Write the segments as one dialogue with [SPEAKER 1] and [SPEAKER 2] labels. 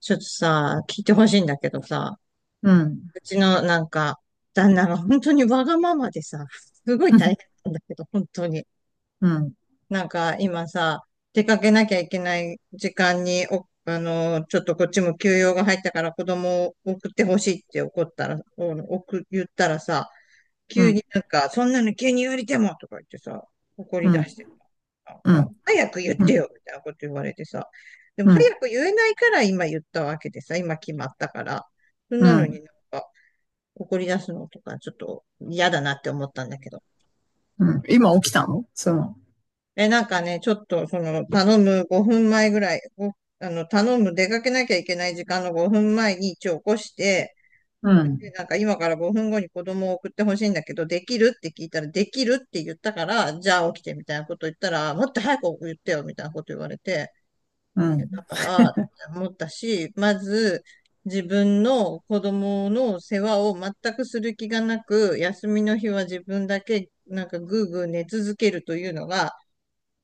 [SPEAKER 1] ちょっとさ、聞いてほしいんだけどさ、
[SPEAKER 2] うん。
[SPEAKER 1] うちのなんか、旦那が本当にわがままでさ、すごい大変 なんだけど、本当に。
[SPEAKER 2] うん、
[SPEAKER 1] なんか今さ、出かけなきゃいけない時間に、お、あの、ちょっとこっちも休養が入ったから子供を送ってほしいって怒ったら、言ったらさ、
[SPEAKER 2] う
[SPEAKER 1] 急
[SPEAKER 2] ん、
[SPEAKER 1] になんか、そんなの急に言われてもとか言ってさ、怒
[SPEAKER 2] う
[SPEAKER 1] り出
[SPEAKER 2] ん、
[SPEAKER 1] してさ、なん
[SPEAKER 2] うん、う
[SPEAKER 1] か、
[SPEAKER 2] ん、
[SPEAKER 1] 早く言っ
[SPEAKER 2] う
[SPEAKER 1] て
[SPEAKER 2] ん、
[SPEAKER 1] よみたいなこと言われてさ、でも早
[SPEAKER 2] う
[SPEAKER 1] く言えないから今言ったわけでさ、今決まったから、そんなのに
[SPEAKER 2] ん、
[SPEAKER 1] なんか怒り出すのとかちょっと嫌だなって思ったんだけど。
[SPEAKER 2] うん。今起きたのその、
[SPEAKER 1] え、なんかね、ちょっとその頼む5分前ぐらい、ごあの、頼む出かけなきゃいけない時間の5分前に一応起こして、
[SPEAKER 2] う
[SPEAKER 1] で、
[SPEAKER 2] ん、
[SPEAKER 1] なんか今から5分後に子供を送ってほしいんだけど、できるって聞いたら、できるって言ったから、じゃあ起きてみたいなこと言ったら、もっと早く言ってよみたいなこと言われて、
[SPEAKER 2] うん、
[SPEAKER 1] だから思ったし、まず自分の子供の世話を全くする気がなく、休みの日は自分だけなんかぐーぐー寝続けるというのが、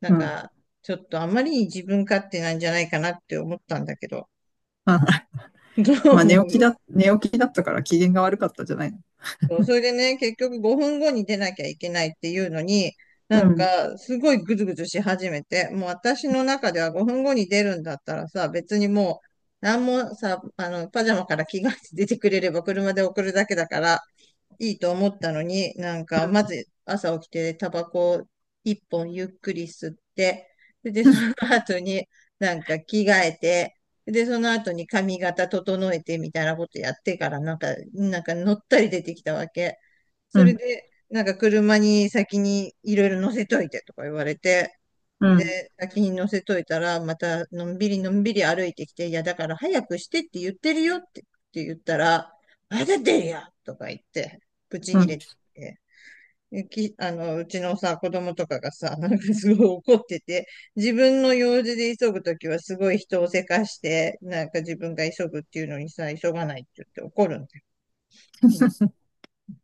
[SPEAKER 1] なん
[SPEAKER 2] うん。
[SPEAKER 1] かちょっとあまりに自分勝手なんじゃないかなって思ったんだけど、
[SPEAKER 2] あ
[SPEAKER 1] どう
[SPEAKER 2] まあ
[SPEAKER 1] 思
[SPEAKER 2] 寝起き
[SPEAKER 1] う？
[SPEAKER 2] だ、寝起きだったから機嫌が悪かったじゃないの。
[SPEAKER 1] そう、それでね、結局5分後に出なきゃいけないっていうのに、な
[SPEAKER 2] う
[SPEAKER 1] ん
[SPEAKER 2] ん、
[SPEAKER 1] か、すごいぐずぐずし始めて、もう私の中では5分後に出るんだったらさ、別にもう、なんもさ、パジャマから着替えて出てくれれば車で送るだけだから、いいと思ったのに、なんか、まず朝起きてタバコを一本ゆっくり吸って、で、
[SPEAKER 2] う
[SPEAKER 1] その後になんか着替えて、で、その後に髪型整えてみたいなことやってから、なんか乗ったり出てきたわけ。
[SPEAKER 2] ん、
[SPEAKER 1] それで、なんか車に先にいろいろ乗せといてとか言われて、
[SPEAKER 2] うん、
[SPEAKER 1] で、先に乗せといたら、またのんびりのんびり歩いてきて、いや、だから早くしてって言ってるよって、言ったら、まだ出るよとか言って、ブチ
[SPEAKER 2] う
[SPEAKER 1] ギ
[SPEAKER 2] ん。
[SPEAKER 1] レて、うちのさ、子供とかがさ、なんかすごい怒ってて、自分の用事で急ぐときはすごい人をせかして、なんか自分が急ぐっていうのにさ、急がないって言って怒るんだよ。本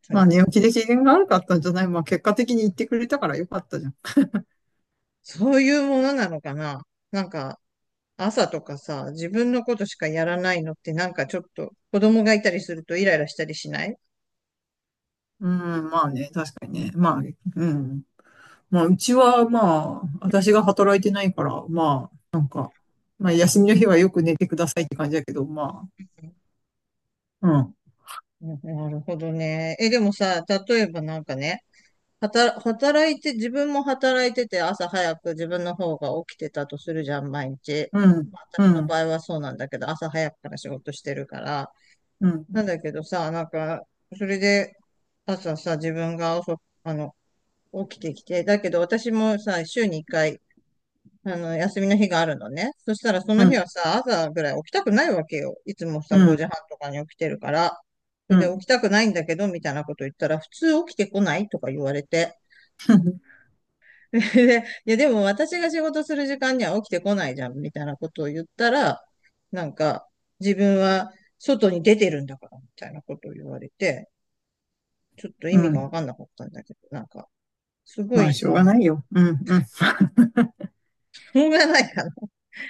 [SPEAKER 1] 当
[SPEAKER 2] まあ
[SPEAKER 1] に。
[SPEAKER 2] 寝起きで機嫌が悪かったんじゃない。まあ結果的に言ってくれたからよかったじゃん。
[SPEAKER 1] そういうものなのかな？なんか、朝とかさ、自分のことしかやらないのってなんかちょっと子供がいたりするとイライラしたりしない？
[SPEAKER 2] うん、まあね、確かにね。まあ、うん。まあうちはまあ、私が働いてないから、まあ、まあ休みの日はよく寝てくださいって感じだけど、まあ、うん、
[SPEAKER 1] なるほどね。え、でもさ、例えばなんかね、働いて、自分も働いてて、朝早く自分の方が起きてたとするじゃん、毎日。
[SPEAKER 2] うん、
[SPEAKER 1] まあ
[SPEAKER 2] う
[SPEAKER 1] 私の場
[SPEAKER 2] ん、
[SPEAKER 1] 合はそうなんだけど、朝早くから仕事してるから。
[SPEAKER 2] うん、
[SPEAKER 1] なんだけどさ、なんか、それで、朝さ、自分が遅く、起きてきて、だけど私もさ、週に1回、休みの日があるのね。そしたらそ
[SPEAKER 2] う
[SPEAKER 1] の日
[SPEAKER 2] ん。
[SPEAKER 1] はさ、朝ぐらい起きたくないわけよ。いつもさ、
[SPEAKER 2] う
[SPEAKER 1] 5
[SPEAKER 2] ん、
[SPEAKER 1] 時半とかに起きてるから。そ
[SPEAKER 2] う
[SPEAKER 1] れで起
[SPEAKER 2] ん、
[SPEAKER 1] きたくないんだけど、みたいなこと言ったら、普通起きてこないとか言われて。で、いや、でも私が仕事する時間には起きてこないじゃん、みたいなことを言ったら、なんか、自分は外に出てるんだから、みたいなことを言われて、ちょっと意
[SPEAKER 2] う
[SPEAKER 1] 味がわ
[SPEAKER 2] ん。
[SPEAKER 1] かんなかったんだけど、なんか、すご
[SPEAKER 2] ま
[SPEAKER 1] い
[SPEAKER 2] あ、しょうが
[SPEAKER 1] さ、
[SPEAKER 2] ないよ。うん、うん。
[SPEAKER 1] しょうがないかな。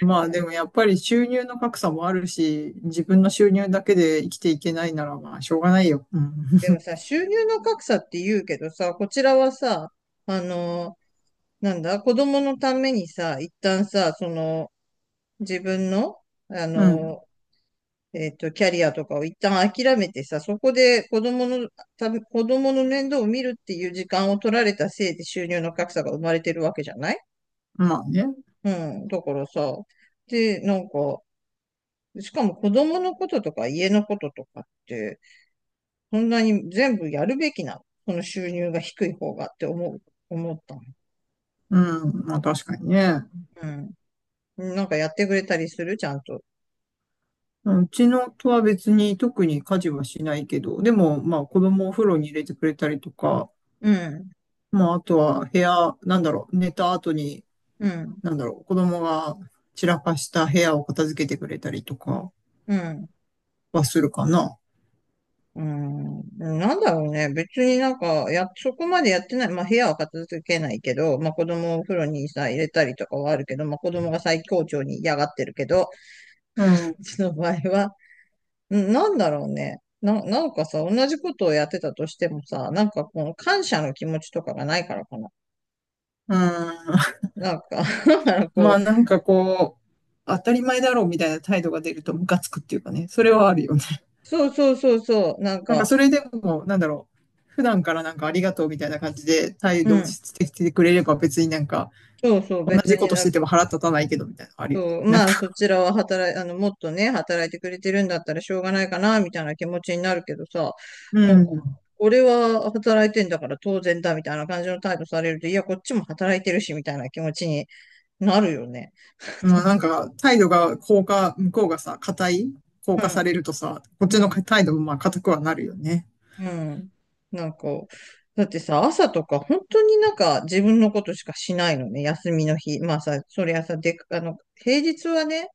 [SPEAKER 2] まあ、で もやっぱり収入の格差もあるし、自分の収入だけで生きていけないなら、まあ、しょうがないよ。うん、
[SPEAKER 1] でも さ、収入の格差って言うけどさ、こちらはさ、あの、なんだ、子供のためにさ、一旦さ、その、自分の、あ
[SPEAKER 2] うん。
[SPEAKER 1] の、キャリアとかを一旦諦めてさ、そこで子供の面倒を見るっていう時間を取られたせいで収入の格差が生まれてるわけじゃない？
[SPEAKER 2] まあね。
[SPEAKER 1] うん。だからさ、で、なんか、しかも子供のこととか家のこととかって、そんなに全部やるべきなのその収入が低い方がって思ったの。
[SPEAKER 2] うん、まあ確かにね。
[SPEAKER 1] うん。なんかやってくれたりするちゃんと？
[SPEAKER 2] うん、うちのとは別に特に家事はしないけど、でもまあ子供をお風呂に入れてくれたりとか、
[SPEAKER 1] うん。
[SPEAKER 2] まああとは部屋、なんだろう、寝た後に、
[SPEAKER 1] うん。
[SPEAKER 2] なんだろう、子供が散らかした部屋を片付けてくれたりとか
[SPEAKER 1] うん。
[SPEAKER 2] はするかな。
[SPEAKER 1] うん、なんだろうね。別になんか、そこまでやってない。まあ、部屋は片付けないけど、まあ、子供をお風呂にさ、入れたりとかはあるけど、まあ、子供が最高潮に嫌がってるけど、
[SPEAKER 2] うん。
[SPEAKER 1] うちの場合は、うん、なんだろうね。なんかさ、同じことをやってたとしてもさ、なんかこの感謝の気持ちとかがないからかな。
[SPEAKER 2] うん。
[SPEAKER 1] なんか だから
[SPEAKER 2] ま
[SPEAKER 1] こ
[SPEAKER 2] あ
[SPEAKER 1] う、
[SPEAKER 2] なんかこう、当たり前だろうみたいな態度が出るとムカつくっていうかね、それはあるよね。
[SPEAKER 1] そうそうそうそう、なん
[SPEAKER 2] なんか
[SPEAKER 1] か、
[SPEAKER 2] それでも、なんだろう。普段からなんかありがとうみたいな感じで態
[SPEAKER 1] う
[SPEAKER 2] 度
[SPEAKER 1] ん、
[SPEAKER 2] してきてくれれば別になんか
[SPEAKER 1] そうそう、
[SPEAKER 2] 同
[SPEAKER 1] 別
[SPEAKER 2] じこ
[SPEAKER 1] に
[SPEAKER 2] とし
[SPEAKER 1] なん
[SPEAKER 2] てても腹立たないけどみたいなのあるよね。
[SPEAKER 1] そう、
[SPEAKER 2] なん
[SPEAKER 1] まあ、そ
[SPEAKER 2] か、
[SPEAKER 1] ちらは働い、あの、もっとね、働いてくれてるんだったらしょうがないかな、みたいな気持ちになるけどさ、
[SPEAKER 2] う
[SPEAKER 1] もう、
[SPEAKER 2] ん。
[SPEAKER 1] 俺は働いてんだから当然だ、みたいな感じの態度されると、いや、こっちも働いてるし、みたいな気持ちになるよね。
[SPEAKER 2] まあなんか態度が硬化、向こうがさ、硬
[SPEAKER 1] う
[SPEAKER 2] 化さ
[SPEAKER 1] ん、
[SPEAKER 2] れるとさ、こっ
[SPEAKER 1] う
[SPEAKER 2] ちの
[SPEAKER 1] ん、
[SPEAKER 2] 態度もまあ硬くはなるよね。
[SPEAKER 1] うん。なんか、だってさ、朝とか本当になんか自分のことしかしないのね、休みの日。まあさ、そりゃさ、で、平日はね、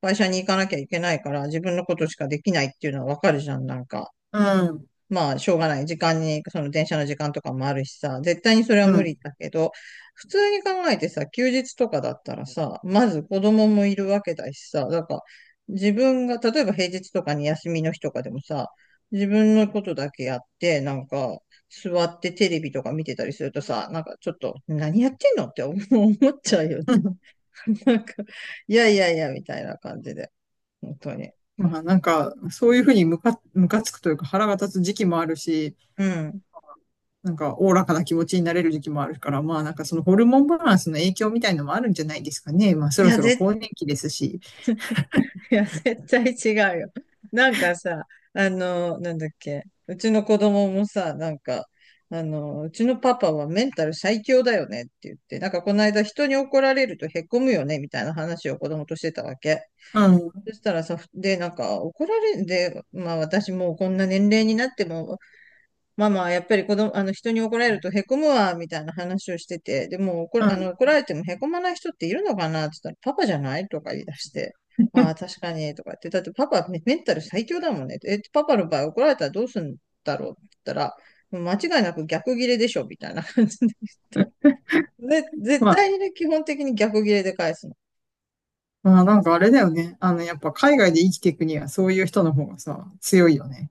[SPEAKER 1] 会社に行かなきゃいけないから自分のことしかできないっていうのはわかるじゃん、なんか。
[SPEAKER 2] うん。
[SPEAKER 1] まあ、しょうがない。時間に、その電車の時間とかもあるしさ、絶対にそれは
[SPEAKER 2] う
[SPEAKER 1] 無
[SPEAKER 2] ん。
[SPEAKER 1] 理だけど、普通に考えてさ、休日とかだったらさ、まず子供もいるわけだしさ、だから自分が、例えば平日とかに休みの日とかでもさ、自分のことだけやって、なんか、座ってテレビとか見てたりするとさ、なんかちょっと、何やってんのって思っちゃうよね。なんか、いやいやいや、みたいな感じで、本当に。
[SPEAKER 2] まあなんか、そういうふうにムカつくというか腹が立つ時期もあるし、
[SPEAKER 1] うん。
[SPEAKER 2] なんか、おおらかな気持ちになれる時期もあるから、まあ、なんかそのホルモンバランスの影響みたいのもあるんじゃないですかね。まあ、そ
[SPEAKER 1] い
[SPEAKER 2] ろ
[SPEAKER 1] や、
[SPEAKER 2] そろ更年期ですし。
[SPEAKER 1] いや、絶対違うよ。なんかさ、なんだっけ、うちの子供もさ、なんか、うちのパパはメンタル最強だよねって言って、なんかこの間人に怒られるとへこむよねみたいな話を子供としてたわけ。
[SPEAKER 2] うん、う
[SPEAKER 1] そしたらさ、で、なんか怒られんで、まあ私もうこんな年齢になってもママはやっぱり子供、あの人に怒られるとへこむわ、みたいな話をしてて、でも怒
[SPEAKER 2] ん。
[SPEAKER 1] られてもへこまない人っているのかなって言ったら、パパじゃないとか言い出して、ああ、確かに、とか言って、だってパパメンタル最強だもんね。え、パパの場合怒られたらどうするんだろうって言ったら、間違いなく逆ギレでしょ、みたいな感じで言って。で、絶
[SPEAKER 2] まあ、
[SPEAKER 1] 対にね、基本的に逆ギレで返すの。
[SPEAKER 2] まあ、なんかあれだよね。あの、やっぱ海外で生きていくには、そういう人の方がさ、強いよね。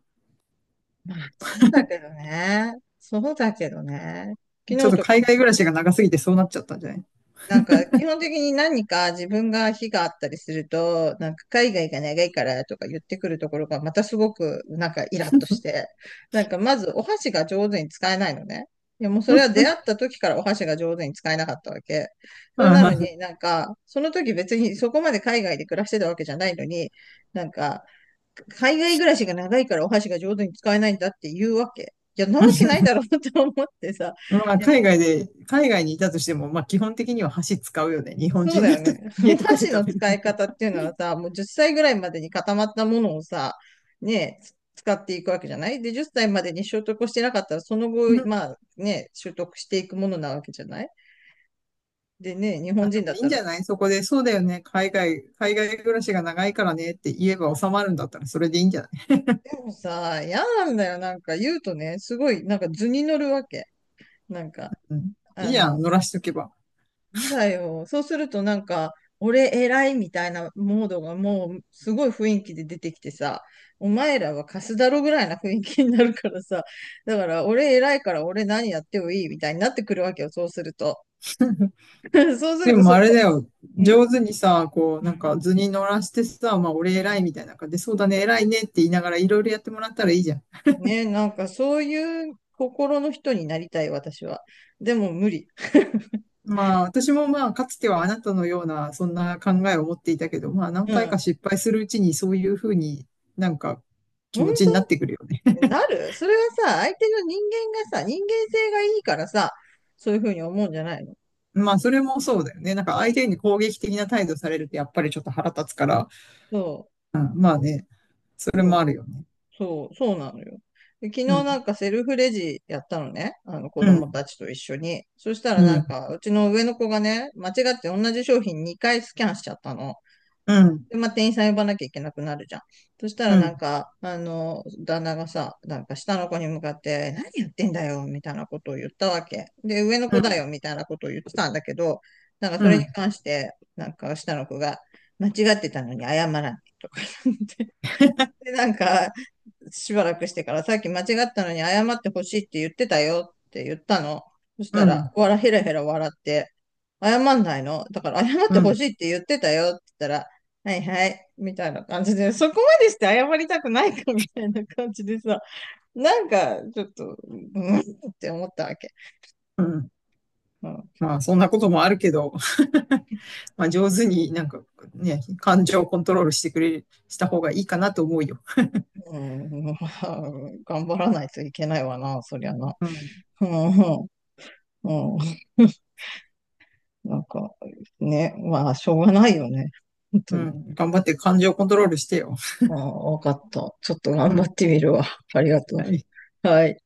[SPEAKER 1] まあ、そうだけどね。そうだけどね。昨
[SPEAKER 2] ちょっ
[SPEAKER 1] 日
[SPEAKER 2] と
[SPEAKER 1] とか
[SPEAKER 2] 海
[SPEAKER 1] も
[SPEAKER 2] 外暮らしが長すぎてそうなっちゃったんじゃない？
[SPEAKER 1] なんか、基本的に何か自分が非があったりすると、なんか海外が長いからとか言ってくるところがまたすごくなんかイラッとして、なんかまずお箸が上手に使えないのね。いやもうそれは出会った時からお箸が上手に使えなかったわけ。それなのに その時別にそこまで海外で暮らしてたわけじゃないのに、なんか、海外暮らしが長いからお箸が上手に使えないんだって言うわけ。いや、なわけないだろうと思ってさ。
[SPEAKER 2] まあ、海外にいたとしても、まあ、基本的には箸使うよね。日本
[SPEAKER 1] そう
[SPEAKER 2] 人
[SPEAKER 1] だ
[SPEAKER 2] だっ
[SPEAKER 1] よ
[SPEAKER 2] たら
[SPEAKER 1] ね。
[SPEAKER 2] 家
[SPEAKER 1] お
[SPEAKER 2] とかで
[SPEAKER 1] 箸の
[SPEAKER 2] 食べる
[SPEAKER 1] 使
[SPEAKER 2] と
[SPEAKER 1] い
[SPEAKER 2] きは。
[SPEAKER 1] 方っていうのはさ、もう10歳ぐらいまでに固まったものをさ、ねえ、つ使っていくわけじゃないで、10歳までに習得をしてなかったら、その後、ま あね、習得していくものなわけじゃない。で、ね、日
[SPEAKER 2] あ、
[SPEAKER 1] 本
[SPEAKER 2] で
[SPEAKER 1] 人だ
[SPEAKER 2] も
[SPEAKER 1] っ
[SPEAKER 2] いいん
[SPEAKER 1] た
[SPEAKER 2] じ
[SPEAKER 1] ら、
[SPEAKER 2] ゃないそこで、そうだよね。海外暮らしが長いからねって言えば収まるんだったらそれでいいんじゃない？
[SPEAKER 1] でもさ、嫌なんだよ。なんか言うとね、すごい、なんか図に乗るわけ。なんか、
[SPEAKER 2] うん。い
[SPEAKER 1] あ
[SPEAKER 2] いやん、
[SPEAKER 1] の、
[SPEAKER 2] 乗らしとけば。
[SPEAKER 1] やだよ。そうするとなんか、俺偉いみたいなモードがもうすごい雰囲気で出てきてさ、お前らはカスだろぐらいな雰囲気になるからさ、だから俺偉いから俺何やってもいいみたいになってくるわけよ、そうすると。そうす
[SPEAKER 2] で
[SPEAKER 1] ると
[SPEAKER 2] も
[SPEAKER 1] そ
[SPEAKER 2] あれだ
[SPEAKER 1] こ、
[SPEAKER 2] よ。
[SPEAKER 1] ん、
[SPEAKER 2] 上手にさ、こ
[SPEAKER 1] う
[SPEAKER 2] う、なん
[SPEAKER 1] ん、
[SPEAKER 2] か図に乗らしてさ、まあ俺
[SPEAKER 1] う
[SPEAKER 2] 偉い
[SPEAKER 1] ん。
[SPEAKER 2] みたいな感じで、そうだね、偉いねって言いながらいろいろやってもらったらいいじゃん。
[SPEAKER 1] ねえ、なんかそういう心の人になりたい、私は。でも無理。
[SPEAKER 2] まあ私もまあかつてはあなたのようなそんな考えを持っていたけど、まあ 何
[SPEAKER 1] う
[SPEAKER 2] 回か
[SPEAKER 1] ん。
[SPEAKER 2] 失敗するうちにそういうふうになんか気
[SPEAKER 1] 本
[SPEAKER 2] 持ちになってくるよね。
[SPEAKER 1] 当なる。それはさ、相手の人間がさ、人間性がいいからさ、そういうふうに思うんじゃないの？
[SPEAKER 2] まあ、それもそうだよね。なんか
[SPEAKER 1] ね
[SPEAKER 2] 相手に攻撃的な態度されるとやっぱりちょっと腹立つから、
[SPEAKER 1] そ
[SPEAKER 2] うん、まあね、そ
[SPEAKER 1] う、
[SPEAKER 2] れもあ
[SPEAKER 1] そ
[SPEAKER 2] るよね。
[SPEAKER 1] そうなのよ。で、昨日
[SPEAKER 2] う
[SPEAKER 1] な
[SPEAKER 2] ん、
[SPEAKER 1] んかセルフレジやったのね。あの子
[SPEAKER 2] う
[SPEAKER 1] 供
[SPEAKER 2] ん、
[SPEAKER 1] たちと一緒に。そしたらな
[SPEAKER 2] う
[SPEAKER 1] ん
[SPEAKER 2] ん、
[SPEAKER 1] か、うちの上の子がね、間違って同じ商品2回スキャンしちゃったの。
[SPEAKER 2] うん、
[SPEAKER 1] で、まあ、店員さん呼ばなきゃいけなくなるじゃん。そしたら
[SPEAKER 2] うん、う
[SPEAKER 1] なん
[SPEAKER 2] ん、
[SPEAKER 1] か、あの、旦那がさ、なんか下の子に向かって、何言ってんだよ、みたいなことを言ったわけ。で、上の
[SPEAKER 2] う
[SPEAKER 1] 子だよ、
[SPEAKER 2] ん、
[SPEAKER 1] みたいなことを言ってたんだけど、なんかそ
[SPEAKER 2] う
[SPEAKER 1] れに
[SPEAKER 2] ん、
[SPEAKER 1] 関して、なんか下の子が、間違ってたのに謝らない、とか言って。で、なんか、しばらくしてから、さっき間違ったのに謝ってほしいって言ってたよって言ったの。そしたら、わら、ヘラヘラ笑って、謝んないのだから謝っ
[SPEAKER 2] う
[SPEAKER 1] て
[SPEAKER 2] ん、
[SPEAKER 1] ほしいって言ってたよって言ったら、はいはい、みたいな感じで、そこまでして謝りたくないかみたいな感じでさ、なんかちょっと、うんって思ったわけ。
[SPEAKER 2] うん。
[SPEAKER 1] うん、
[SPEAKER 2] まあ、そんなこともあるけど、まあ、上手になんかね、感情をコントロールしてくれ、した方がいいかなと思うよ。
[SPEAKER 1] うん。頑張らないといけないわな、そりゃな。
[SPEAKER 2] うん、
[SPEAKER 1] うん、うん、うん。なんか、ね、まあ、しょうがないよね。本
[SPEAKER 2] う
[SPEAKER 1] 当に。
[SPEAKER 2] ん、頑張って感情をコントロールしてよ。
[SPEAKER 1] ああ、わかった。ちょっと頑
[SPEAKER 2] う
[SPEAKER 1] 張
[SPEAKER 2] ん、
[SPEAKER 1] ってみるわ。ありがと
[SPEAKER 2] はい。
[SPEAKER 1] う。はい。